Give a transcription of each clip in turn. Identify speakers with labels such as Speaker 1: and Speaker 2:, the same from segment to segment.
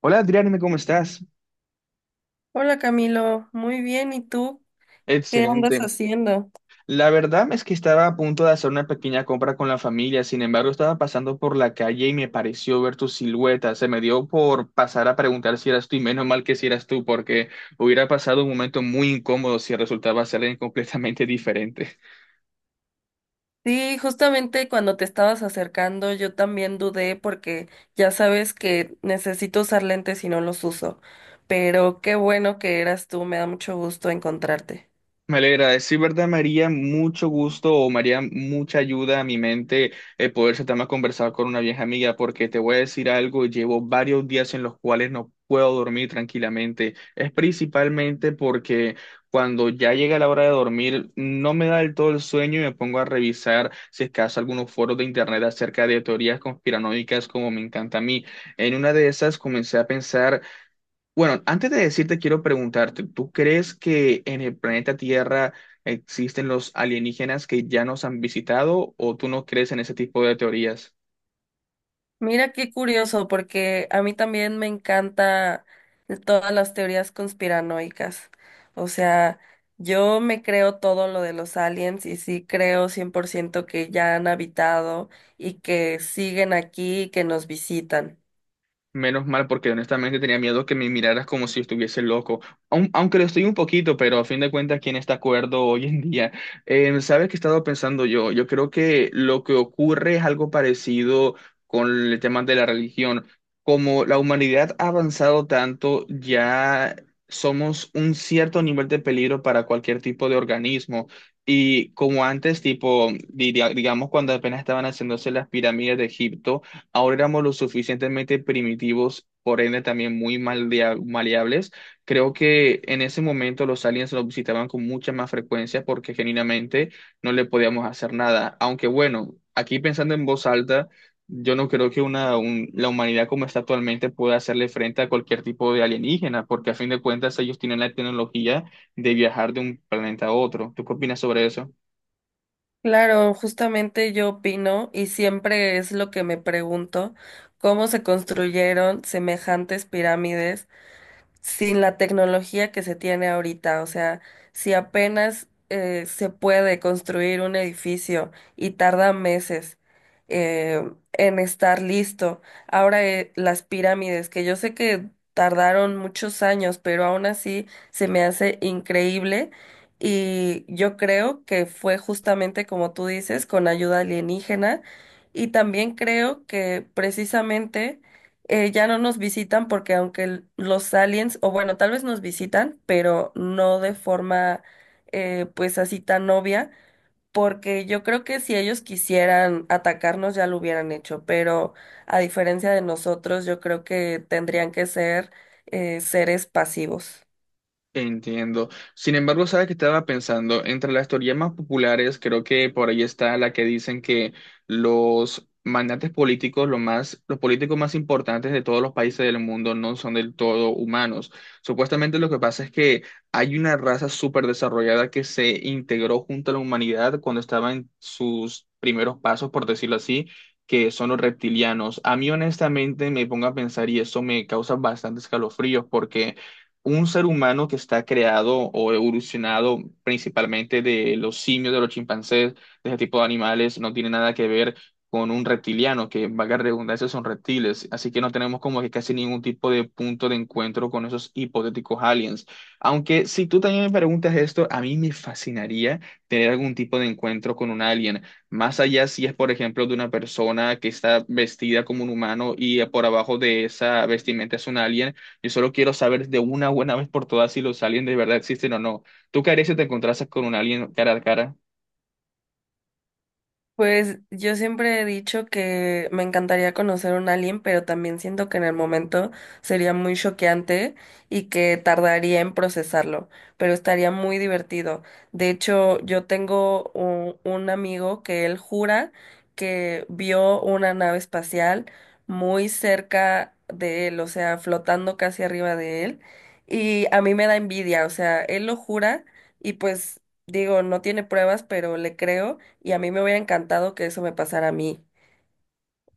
Speaker 1: Hola Adrián, ¿cómo estás?
Speaker 2: Hola Camilo, muy bien, ¿y tú? ¿Qué andas
Speaker 1: Excelente.
Speaker 2: haciendo?
Speaker 1: La verdad es que estaba a punto de hacer una pequeña compra con la familia, sin embargo estaba pasando por la calle y me pareció ver tu silueta. Se me dio por pasar a preguntar si eras tú y menos mal que si eras tú, porque hubiera pasado un momento muy incómodo si resultaba ser alguien completamente diferente.
Speaker 2: Sí, justamente cuando te estabas acercando yo también dudé porque ya sabes que necesito usar lentes y no los uso, pero qué bueno que eras tú, me da mucho gusto encontrarte.
Speaker 1: Me alegra, es sí, verdad, María, mucho gusto o María, mucha ayuda a mi mente poder sentarme a conversar con una vieja amiga, porque te voy a decir algo, llevo varios días en los cuales no puedo dormir tranquilamente. Es principalmente porque cuando ya llega la hora de dormir, no me da del todo el sueño y me pongo a revisar, si es que acaso, algunos foros de internet acerca de teorías conspiranoicas como me encanta a mí. En una de esas comencé a pensar. Bueno, antes de decirte, quiero preguntarte, ¿tú crees que en el planeta Tierra existen los alienígenas que ya nos han visitado o tú no crees en ese tipo de teorías?
Speaker 2: Mira qué curioso, porque a mí también me encanta todas las teorías conspiranoicas. O sea, yo me creo todo lo de los aliens y sí creo 100% que ya han habitado y que siguen aquí y que nos visitan.
Speaker 1: Menos mal, porque honestamente tenía miedo que me miraras como si estuviese loco. Aunque lo estoy un poquito, pero a fin de cuentas, ¿quién está acuerdo hoy en día? ¿Sabes qué he estado pensando yo? Yo creo que lo que ocurre es algo parecido con el tema de la religión. Como la humanidad ha avanzado tanto, ya somos un cierto nivel de peligro para cualquier tipo de organismo. Y como antes, tipo, digamos, cuando apenas estaban haciéndose las pirámides de Egipto, ahora éramos lo suficientemente primitivos, por ende también muy maleables. Creo que en ese momento los aliens nos visitaban con mucha más frecuencia porque genuinamente no le podíamos hacer nada. Aunque bueno, aquí pensando en voz alta, yo no creo que la humanidad como está actualmente pueda hacerle frente a cualquier tipo de alienígena, porque a fin de cuentas ellos tienen la tecnología de viajar de un planeta a otro. ¿Tú qué opinas sobre eso?
Speaker 2: Claro, justamente yo opino y siempre es lo que me pregunto, cómo se construyeron semejantes pirámides sin la tecnología que se tiene ahorita. O sea, si apenas se puede construir un edificio y tarda meses eh, en estar listo. Ahora las pirámides, que yo sé que tardaron muchos años, pero aún así se me hace increíble. Y yo creo que fue justamente como tú dices, con ayuda alienígena. Y también creo que precisamente ya no nos visitan porque aunque los aliens, o bueno, tal vez nos visitan, pero no de forma pues así tan obvia, porque yo creo que si ellos quisieran atacarnos ya lo hubieran hecho, pero a diferencia de nosotros, yo creo que tendrían que ser seres pasivos.
Speaker 1: Entiendo. Sin embargo, sabes que estaba pensando, entre las teorías más populares, creo que por ahí está la que dicen que los magnates políticos, lo más, los políticos más importantes de todos los países del mundo no son del todo humanos. Supuestamente lo que pasa es que hay una raza súper desarrollada que se integró junto a la humanidad cuando estaba en sus primeros pasos, por decirlo así, que son los reptilianos. A mí honestamente me pongo a pensar y eso me causa bastantes escalofríos porque un ser humano que está creado o evolucionado principalmente de los simios, de los chimpancés, de ese tipo de animales, no tiene nada que ver con un reptiliano, que valga la redundancia, son reptiles. Así que no tenemos como que casi ningún tipo de punto de encuentro con esos hipotéticos aliens. Aunque si tú también me preguntas esto, a mí me fascinaría tener algún tipo de encuentro con un alien. Más allá si es, por ejemplo, de una persona que está vestida como un humano y por abajo de esa vestimenta es un alien. Yo solo quiero saber de una buena vez por todas si los aliens de verdad existen o no. ¿Tú qué harías si te encontrases con un alien cara a cara?
Speaker 2: Pues yo siempre he dicho que me encantaría conocer un alien, pero también siento que en el momento sería muy choqueante y que tardaría en procesarlo, pero estaría muy divertido. De hecho, yo tengo un amigo que él jura que vio una nave espacial muy cerca de él, o sea, flotando casi arriba de él, y a mí me da envidia, o sea, él lo jura y pues digo, no tiene pruebas, pero le creo y a mí me hubiera encantado que eso me pasara a mí.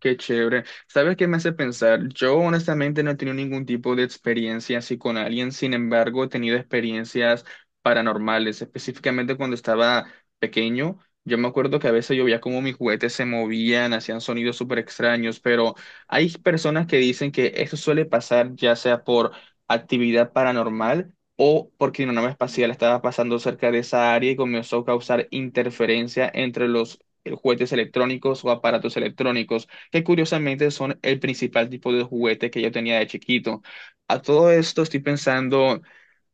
Speaker 1: Qué chévere. ¿Sabes qué me hace pensar? Yo honestamente no he tenido ningún tipo de experiencia así con alguien, sin embargo, he tenido experiencias paranormales, específicamente cuando estaba pequeño. Yo me acuerdo que a veces yo veía como mis juguetes se movían, hacían sonidos súper extraños, pero hay personas que dicen que eso suele pasar ya sea por actividad paranormal o porque una nave espacial estaba pasando cerca de esa área y comenzó a causar interferencia entre los juguetes electrónicos o aparatos electrónicos que curiosamente son el principal tipo de juguete que yo tenía de chiquito. A todo esto estoy pensando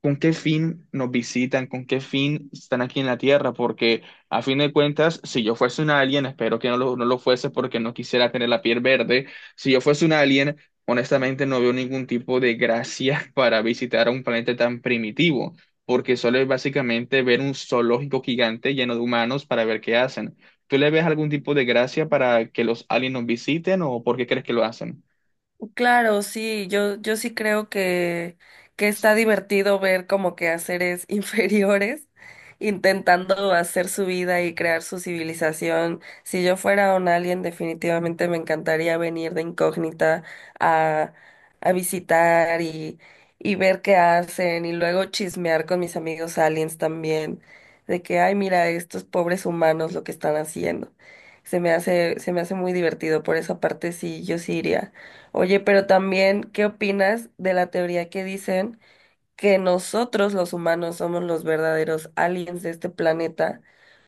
Speaker 1: con qué fin nos visitan, con qué fin están aquí en la Tierra, porque a fin de cuentas, si yo fuese un alien, espero que no lo fuese porque no quisiera tener la piel verde, si yo fuese un alien, honestamente no veo ningún tipo de gracia para visitar a un planeta tan primitivo, porque solo es básicamente ver un zoológico gigante lleno de humanos para ver qué hacen. ¿Tú le ves algún tipo de gracia para que los aliens nos visiten o por qué crees que lo hacen?
Speaker 2: Claro, sí, yo sí creo que está divertido ver como que a seres inferiores intentando hacer su vida y crear su civilización. Si yo fuera un alien, definitivamente me encantaría venir de incógnita a, a visitar y ver qué hacen y luego chismear con mis amigos aliens también, de que, ay, mira, estos pobres humanos lo que están haciendo. Se me hace muy divertido, por esa parte sí, yo sí iría. Oye, pero también, ¿qué opinas de la teoría que dicen que nosotros los humanos somos los verdaderos aliens de este planeta?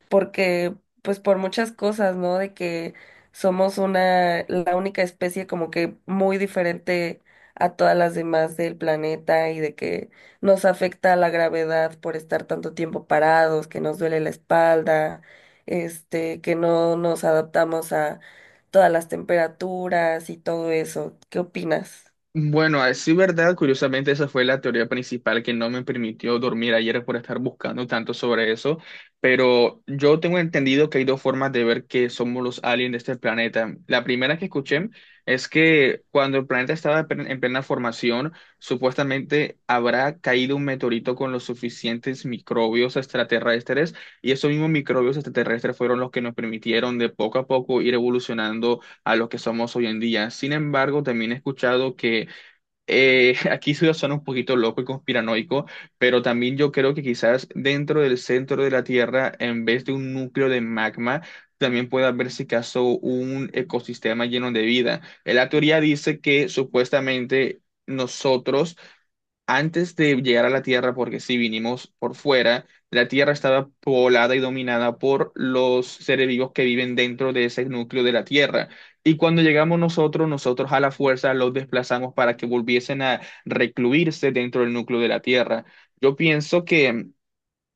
Speaker 2: Porque pues por muchas cosas, ¿no? De que somos la única especie como que muy diferente a todas las demás del planeta y de que nos afecta la gravedad por estar tanto tiempo parados, que nos duele la espalda, este, que no nos adaptamos a todas las temperaturas y todo eso. ¿Qué opinas?
Speaker 1: Bueno, a decir verdad, curiosamente esa fue la teoría principal que no me permitió dormir ayer por estar buscando tanto sobre eso, pero yo tengo entendido que hay dos formas de ver que somos los aliens de este planeta. La primera que escuché es que cuando el planeta estaba en en plena formación, supuestamente habrá caído un meteorito con los suficientes microbios extraterrestres y esos mismos microbios extraterrestres fueron los que nos permitieron de poco a poco ir evolucionando a lo que somos hoy en día. Sin embargo, también he escuchado que aquí se suena un poquito loco y conspiranoico, pero también yo creo que quizás dentro del centro de la Tierra, en vez de un núcleo de magma, también puede haber, si caso, un ecosistema lleno de vida. La teoría dice que supuestamente nosotros antes de llegar a la Tierra, porque si vinimos por fuera, la Tierra estaba poblada y dominada por los seres vivos que viven dentro de ese núcleo de la Tierra. Y cuando llegamos nosotros, nosotros a la fuerza los desplazamos para que volviesen a recluirse dentro del núcleo de la Tierra. Yo pienso que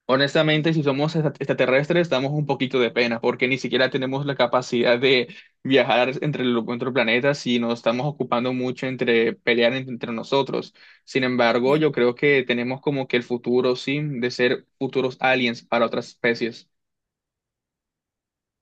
Speaker 1: honestamente, si somos extraterrestres, damos un poquito de pena, porque ni siquiera tenemos la capacidad de viajar entre los otros planetas y nos estamos ocupando mucho entre pelear entre nosotros. Sin embargo, yo creo que tenemos como que el futuro, sí, de ser futuros aliens para otras especies.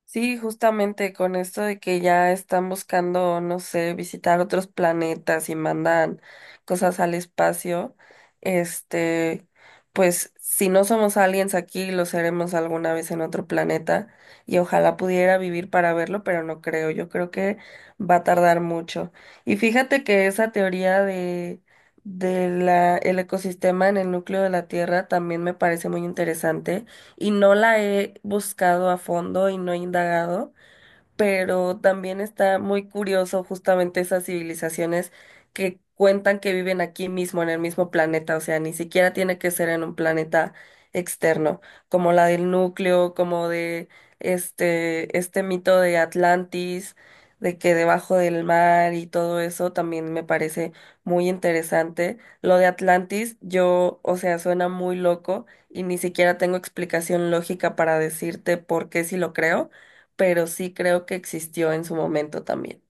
Speaker 2: Sí, justamente con esto de que ya están buscando, no sé, visitar otros planetas y mandan cosas al espacio, este, pues si no somos aliens aquí, lo seremos alguna vez en otro planeta y ojalá pudiera vivir para verlo, pero no creo, yo creo que va a tardar mucho. Y fíjate que esa teoría de el ecosistema en el núcleo de la Tierra también me parece muy interesante y no la he buscado a fondo y no he indagado, pero también está muy curioso justamente esas civilizaciones que cuentan que viven aquí mismo, en el mismo planeta, o sea, ni siquiera tiene que ser en un planeta externo, como la del núcleo, como de este mito de Atlantis, de que debajo del mar y todo eso también me parece muy interesante. Lo de Atlantis, yo, o sea, suena muy loco y ni siquiera tengo explicación lógica para decirte por qué si lo creo, pero sí creo que existió en su momento también.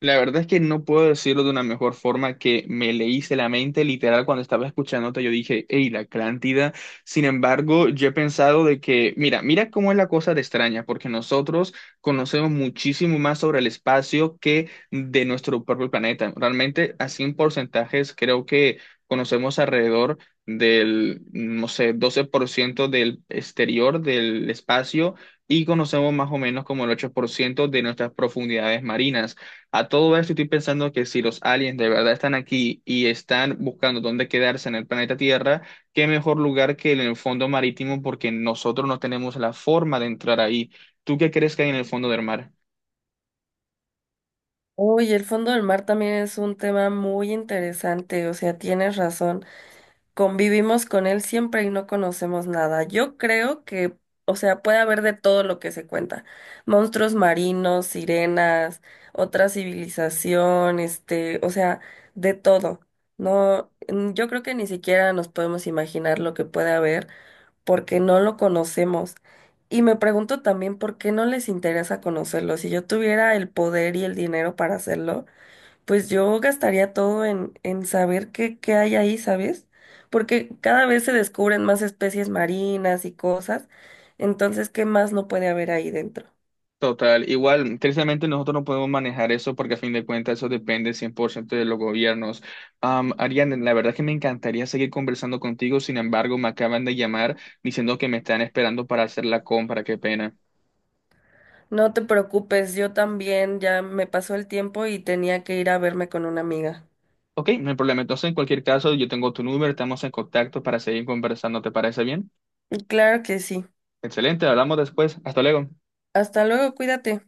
Speaker 1: La verdad es que no puedo decirlo de una mejor forma que me leíste la mente, literal, cuando estaba escuchándote, yo dije, hey, la Atlántida. Sin embargo, yo he pensado de que, mira, mira cómo es la cosa de extraña, porque nosotros conocemos muchísimo más sobre el espacio que de nuestro propio planeta. Realmente, así en porcentajes, creo que conocemos alrededor del, no sé, 12% del exterior del espacio y conocemos más o menos como el 8% de nuestras profundidades marinas. A todo esto estoy pensando que si los aliens de verdad están aquí y están buscando dónde quedarse en el planeta Tierra, qué mejor lugar que en el fondo marítimo porque nosotros no tenemos la forma de entrar ahí. ¿Tú qué crees que hay en el fondo del mar?
Speaker 2: Uy, el fondo del mar también es un tema muy interesante, o sea, tienes razón. Convivimos con él siempre y no conocemos nada. Yo creo que, o sea, puede haber de todo lo que se cuenta. Monstruos marinos, sirenas, otra civilización, este, o sea, de todo. No, yo creo que ni siquiera nos podemos imaginar lo que puede haber, porque no lo conocemos. Y me pregunto también por qué no les interesa conocerlo. Si yo tuviera el poder y el dinero para hacerlo, pues yo gastaría todo en saber qué hay ahí, ¿sabes? Porque cada vez se descubren más especies marinas y cosas. Entonces, ¿qué más no puede haber ahí dentro?
Speaker 1: Total, igual, tristemente nosotros no podemos manejar eso porque a fin de cuentas eso depende 100% de los gobiernos. Ariane, la verdad es que me encantaría seguir conversando contigo, sin embargo, me acaban de llamar diciendo que me están esperando para hacer la compra, qué pena.
Speaker 2: No te preocupes, yo también ya me pasó el tiempo y tenía que ir a verme con una amiga.
Speaker 1: Ok, no hay problema. Entonces, en cualquier caso, yo tengo tu número, estamos en contacto para seguir conversando. ¿Te parece bien?
Speaker 2: Claro que sí.
Speaker 1: Excelente, hablamos después. Hasta luego.
Speaker 2: Hasta luego, cuídate.